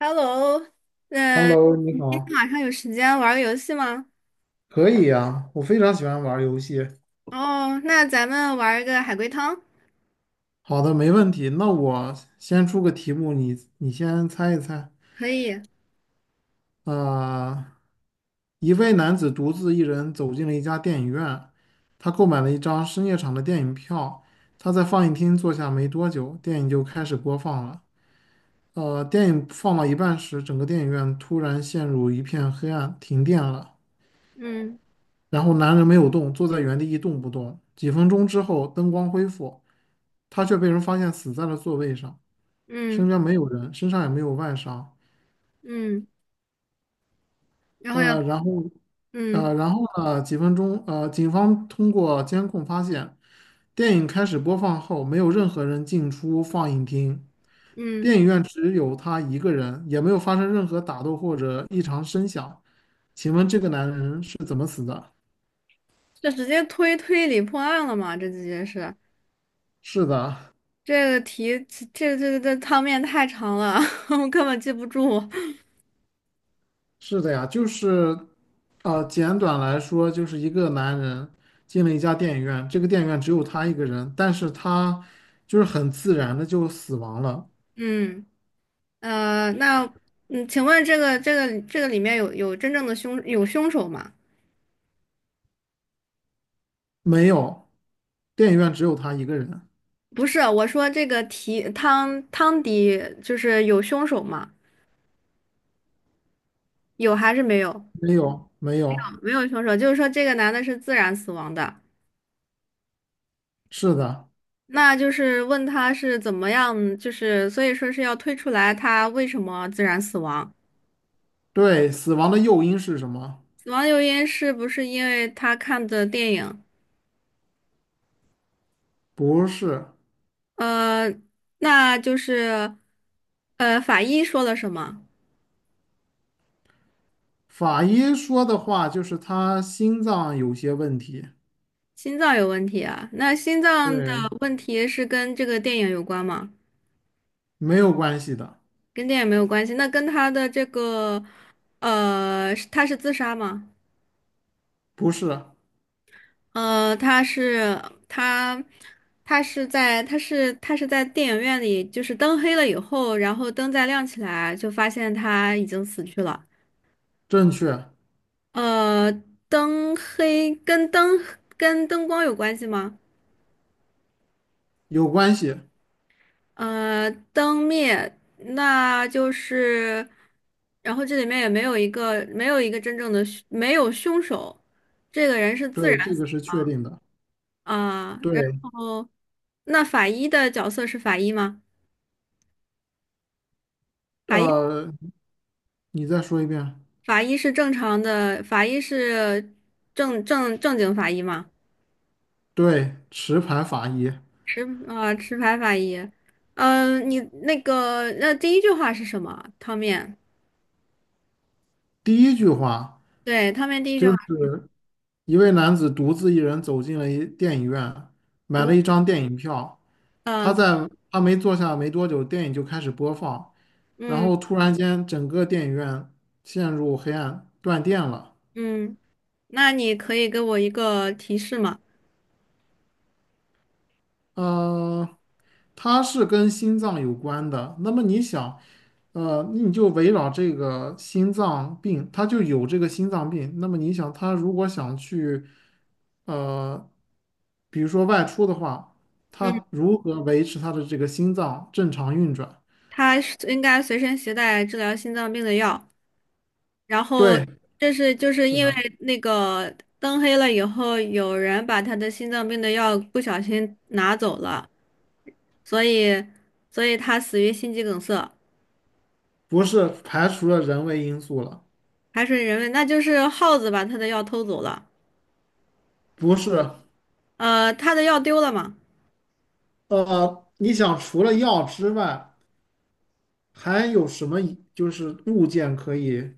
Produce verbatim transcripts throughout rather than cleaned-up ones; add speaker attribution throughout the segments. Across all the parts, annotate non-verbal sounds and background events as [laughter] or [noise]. Speaker 1: Hello，呃，
Speaker 2: Hello，你
Speaker 1: 你今
Speaker 2: 好，
Speaker 1: 天晚上有时间玩个游戏吗？
Speaker 2: 可以呀，我非常喜欢玩儿游戏。
Speaker 1: 哦，那咱们玩个海龟汤。
Speaker 2: 好的，没问题。那我先出个题目，你你先猜一猜。
Speaker 1: 可以。
Speaker 2: 啊、一位男子独自一人走进了一家电影院，他购买了一张深夜场的电影票。他在放映厅坐下没多久，电影就开始播放了。呃，电影放到一半时，整个电影院突然陷入一片黑暗，停电了。
Speaker 1: 嗯
Speaker 2: 然后男人没有动，坐在原地一动不动。几分钟之后，灯光恢复。他却被人发现死在了座位上，身
Speaker 1: 嗯
Speaker 2: 边没有人，身上也没有外伤。
Speaker 1: 嗯。然后要
Speaker 2: 呃，然后，
Speaker 1: 嗯
Speaker 2: 呃，然后呢？几分钟，呃，警方通过监控发现，电影开始播放后，没有任何人进出放映厅，
Speaker 1: 嗯，
Speaker 2: 电影院只有他一个人，也没有发生任何打斗或者异常声响。请问这个男人是怎么死的？
Speaker 1: 这直接推推理破案了嘛？这直接是
Speaker 2: 是的，
Speaker 1: 这个题，这这这汤面太长了，[laughs] 我根本记不住。
Speaker 2: 是的呀，就是，呃，简短来说，就是一个男人进了一家电影院，这个电影院只有他一个人，但是他就是很自然的就死亡了，
Speaker 1: 嗯。呃，那嗯，请问这个这个这个里面有有真正的凶有凶手吗？
Speaker 2: 没有，电影院只有他一个人，
Speaker 1: 不是，我说这个题汤汤底就是有凶手吗？有还是没有？
Speaker 2: 没有，没有，
Speaker 1: 没有凶手，就是说这个男的是自然死亡的。
Speaker 2: 是的，
Speaker 1: 那就是问他是怎么样，就是所以说是要推出来他为什么自然死亡。
Speaker 2: 对，死亡的诱因是什么？
Speaker 1: 死亡诱因是不是因为他看的电影？
Speaker 2: 不是，
Speaker 1: 呃，那就是呃法医说了什么？
Speaker 2: 法医说的话就是他心脏有些问题，
Speaker 1: 心脏有问题啊？那心脏的
Speaker 2: 对，
Speaker 1: 问题是跟这个电影有关吗？
Speaker 2: 没有关系的，
Speaker 1: 跟电影没有关系，那跟他的这个呃，是他是自杀吗？
Speaker 2: 不是，
Speaker 1: 呃，他是他，他是在他是他是在电影院里，就是灯黑了以后，然后灯再亮起来，就发现他已经死去了。
Speaker 2: 正确，
Speaker 1: 呃，灯黑跟灯跟灯光有关系吗？
Speaker 2: 有关系，
Speaker 1: 呃，灯灭，那就是，然后这里面也没有一个没有一个真正的凶没有凶手。这个人是自然
Speaker 2: 对，这
Speaker 1: 死。
Speaker 2: 个是确定的。
Speaker 1: 啊，然
Speaker 2: 对，
Speaker 1: 后那法医的角色是法医吗？
Speaker 2: 呃，你再说一遍。
Speaker 1: 法医是正常的，法医是正正正经法医吗？
Speaker 2: 对，持牌法医。
Speaker 1: 持啊、持牌法医。嗯、呃你那个那第一句话是什么？汤面，
Speaker 2: 第一句话
Speaker 1: 对，汤面第一句
Speaker 2: 就
Speaker 1: 话
Speaker 2: 是一位男子独自一人走进了一电影院，买
Speaker 1: 读。
Speaker 2: 了一张电影票。他
Speaker 1: 呃，
Speaker 2: 在他没坐下没多久，电影就开始播放，然
Speaker 1: 嗯
Speaker 2: 后突然间整个电影院陷入黑暗，断电了。
Speaker 1: 嗯，那你可以给我一个提示吗？
Speaker 2: 呃，它是跟心脏有关的。那么你想，呃，那你就围绕这个心脏病，他就有这个心脏病。那么你想，他如果想去，呃，比如说外出的话，
Speaker 1: 嗯，
Speaker 2: 他如何维持他的这个心脏正常运转？
Speaker 1: 他是应该随身携带治疗心脏病的药，然后
Speaker 2: 对，
Speaker 1: 这是就是
Speaker 2: 是
Speaker 1: 因为
Speaker 2: 的，
Speaker 1: 那个灯黑了以后，有人把他的心脏病的药不小心拿走了。所以，所以他死于心肌梗塞。
Speaker 2: 不是排除了人为因素了，
Speaker 1: 还是人为，那就是耗子把他的药偷走了。
Speaker 2: 不是。
Speaker 1: 呃，他的药丢了嘛？
Speaker 2: 呃，你想除了药之外，还有什么就是物件可以？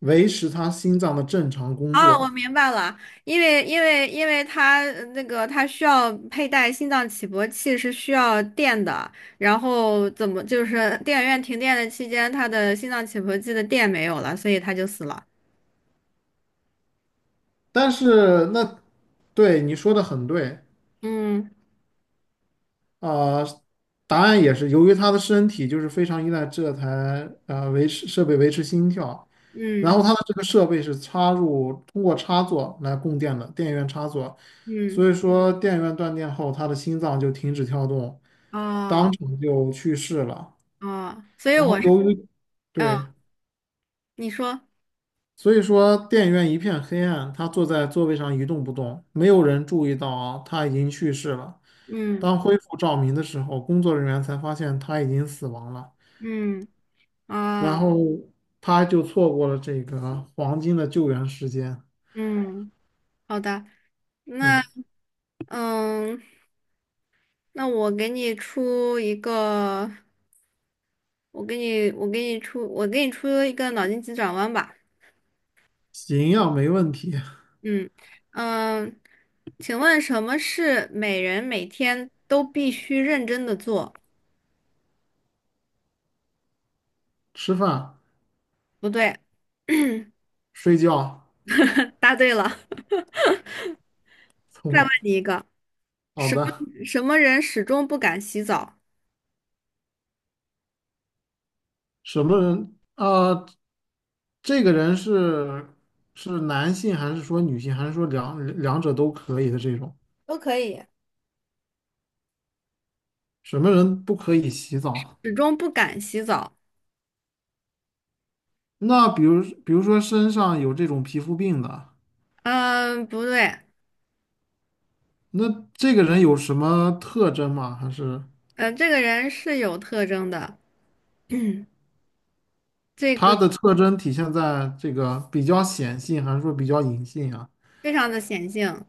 Speaker 2: 维持他心脏的正常工
Speaker 1: 哦，我
Speaker 2: 作。
Speaker 1: 明白了，因为因为因为他呃那个他需要佩戴心脏起搏器是需要电的，然后怎么就是 [laughs] 电影院停电的期间，他的心脏起搏器的电没有了，所以他就死了。
Speaker 2: 但是那对你说的很对
Speaker 1: 嗯。
Speaker 2: 啊、呃答案也是由于他的身体就是非常依赖这台呃维持设备维持心跳，然
Speaker 1: 嗯
Speaker 2: 后他的这个设备是插入通过插座来供电的电源插座，
Speaker 1: 嗯，
Speaker 2: 所以说电源断电后，他的心脏就停止跳动，
Speaker 1: 哦
Speaker 2: 当场就去世了。
Speaker 1: 哦，所以
Speaker 2: 然后
Speaker 1: 我是，
Speaker 2: 由于
Speaker 1: 嗯、
Speaker 2: 对。
Speaker 1: 你说，
Speaker 2: 所以说，电影院一片黑暗，他坐在座位上一动不动，没有人注意到啊，他已经去世了。
Speaker 1: 嗯
Speaker 2: 当恢复照明的时候，工作人员才发现他已经死亡了，
Speaker 1: 嗯。
Speaker 2: 然
Speaker 1: 啊，
Speaker 2: 后他就错过了这个黄金的救援时间。
Speaker 1: 嗯。好的。
Speaker 2: 对，
Speaker 1: 那嗯，那我给你出一个，我给你，我给你出，我给你出一个脑筋急转弯吧。
Speaker 2: 行营没问题，
Speaker 1: 嗯嗯。请问什么是每人每天都必须认真的做？
Speaker 2: 吃饭、
Speaker 1: 不对。
Speaker 2: 睡觉，
Speaker 1: [laughs] 答对了。[laughs]
Speaker 2: 聪
Speaker 1: 再问
Speaker 2: 明。
Speaker 1: 你一个，
Speaker 2: 好的，
Speaker 1: 什么人始终不敢洗澡？
Speaker 2: 什么人啊？这个人是是男性还是说女性，还是说两两者都可以的这种？
Speaker 1: 都可以。
Speaker 2: 什么人不可以洗澡？
Speaker 1: 始终不敢洗澡。
Speaker 2: 那比如，比如说身上有这种皮肤病的，
Speaker 1: 嗯，不对。
Speaker 2: 那这个人有什么特征吗？还是
Speaker 1: 嗯，这个人是有特征的。[clears throat] 这
Speaker 2: 他
Speaker 1: 个
Speaker 2: 的特征体现在这个比较显性，还是说比较隐性啊？
Speaker 1: 非常的显性。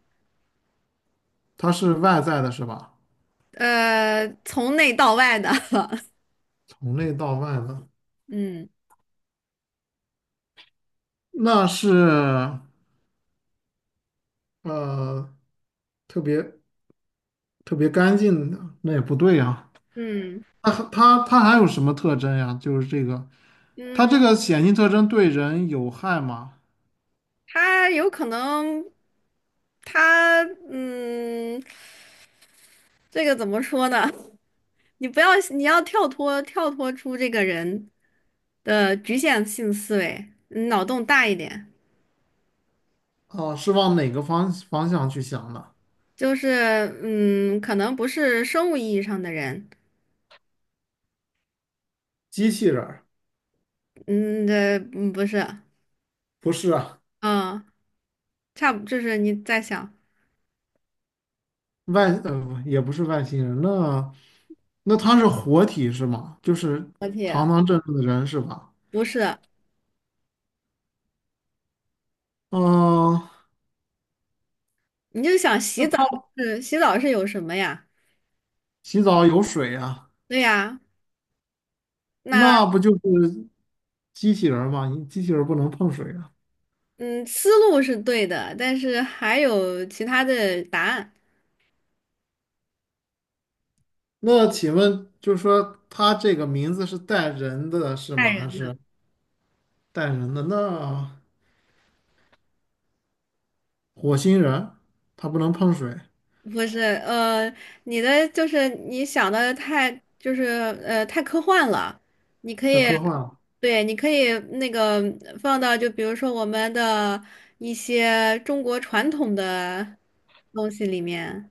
Speaker 2: 他是外在的，是吧？
Speaker 1: 呃，从内到外的。[laughs]
Speaker 2: 从内到外的，
Speaker 1: 嗯
Speaker 2: 那是呃特别特别干净的，那也不对呀、
Speaker 1: 嗯
Speaker 2: 那他他还有什么特征呀？就是这个，他
Speaker 1: 嗯。
Speaker 2: 这个显性特征对人有害吗？
Speaker 1: 他有可能，他嗯，这个怎么说呢？你不要，你要跳脱跳脱出这个人的局限性思维，嗯，脑洞大一点，
Speaker 2: 哦，是往哪个方方向去想的？
Speaker 1: 就是嗯，可能不是生物意义上的人。
Speaker 2: 机器人儿
Speaker 1: 嗯，这嗯不是。
Speaker 2: 不是啊，
Speaker 1: 嗯，差不就是你在想。
Speaker 2: 外呃也不是外星人，那那他是活体是吗？就是
Speaker 1: 老铁，
Speaker 2: 堂堂正正的人是吧？
Speaker 1: 不是，
Speaker 2: 嗯、
Speaker 1: 你就想
Speaker 2: 那
Speaker 1: 洗澡
Speaker 2: 他
Speaker 1: 是洗澡是有什么呀？
Speaker 2: 洗澡有水啊，
Speaker 1: 对呀。那
Speaker 2: 那不就是机器人儿吗？你机器人儿不能碰水啊。
Speaker 1: 嗯，思路是对的，但是还有其他的答案。
Speaker 2: 那请问，就是说他这个名字是带人的是
Speaker 1: 爱
Speaker 2: 吗？
Speaker 1: 人
Speaker 2: 还是带人的？那火星人他不能碰水，
Speaker 1: 不是。呃，你的就是你想的太就是呃太科幻了。你可
Speaker 2: 太
Speaker 1: 以，
Speaker 2: 科幻了。
Speaker 1: 对，你可以那个放到就比如说我们的一些中国传统的东西里面。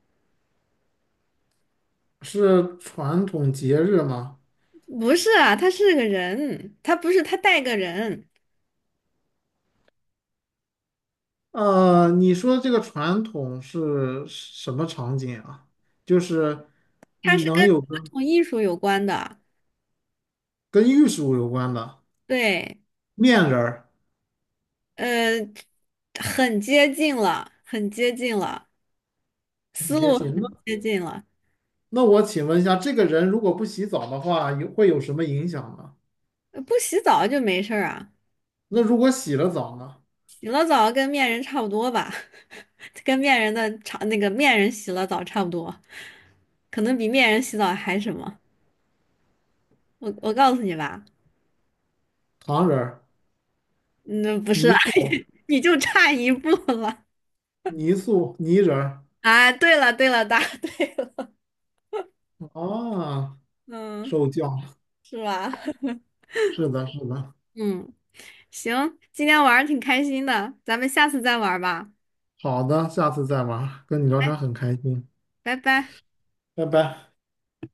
Speaker 2: 是传统节日吗？
Speaker 1: 不是啊，他是个人，他不是他带个人。
Speaker 2: 呃，你说这个传统是什么场景啊？就是
Speaker 1: 他是
Speaker 2: 能
Speaker 1: 跟
Speaker 2: 有
Speaker 1: 传
Speaker 2: 跟
Speaker 1: 统艺术有关的。
Speaker 2: 跟玉树有关的
Speaker 1: 对。
Speaker 2: 面人儿
Speaker 1: 呃，很接近了，很接近了，思
Speaker 2: 节
Speaker 1: 路
Speaker 2: 气。那
Speaker 1: 很接近了。
Speaker 2: 那我请问一下，这个人如果不洗澡的话，有会有什么影响呢？
Speaker 1: 呃，不洗澡就没事儿啊。
Speaker 2: 那如果洗了澡呢？
Speaker 1: 洗了澡跟面人差不多吧，[laughs] 跟面人的差那个面人洗了澡差不多，可能比面人洗澡还什么。我我告诉你吧。
Speaker 2: 糖人儿、
Speaker 1: 嗯，不是
Speaker 2: 泥
Speaker 1: 啊。 [laughs]
Speaker 2: 塑、
Speaker 1: 你就差一步了。
Speaker 2: 泥塑、泥人儿
Speaker 1: 啊，对了对了，答对。
Speaker 2: 啊，
Speaker 1: 嗯，
Speaker 2: 受教。
Speaker 1: 是吧？[laughs]
Speaker 2: 是的，是的。
Speaker 1: 嗯，行，今天玩儿挺开心的，咱们下次再玩儿吧。
Speaker 2: 好的，下次再玩儿，跟你聊
Speaker 1: 哎，
Speaker 2: 天很开心，
Speaker 1: 拜拜。
Speaker 2: 拜拜。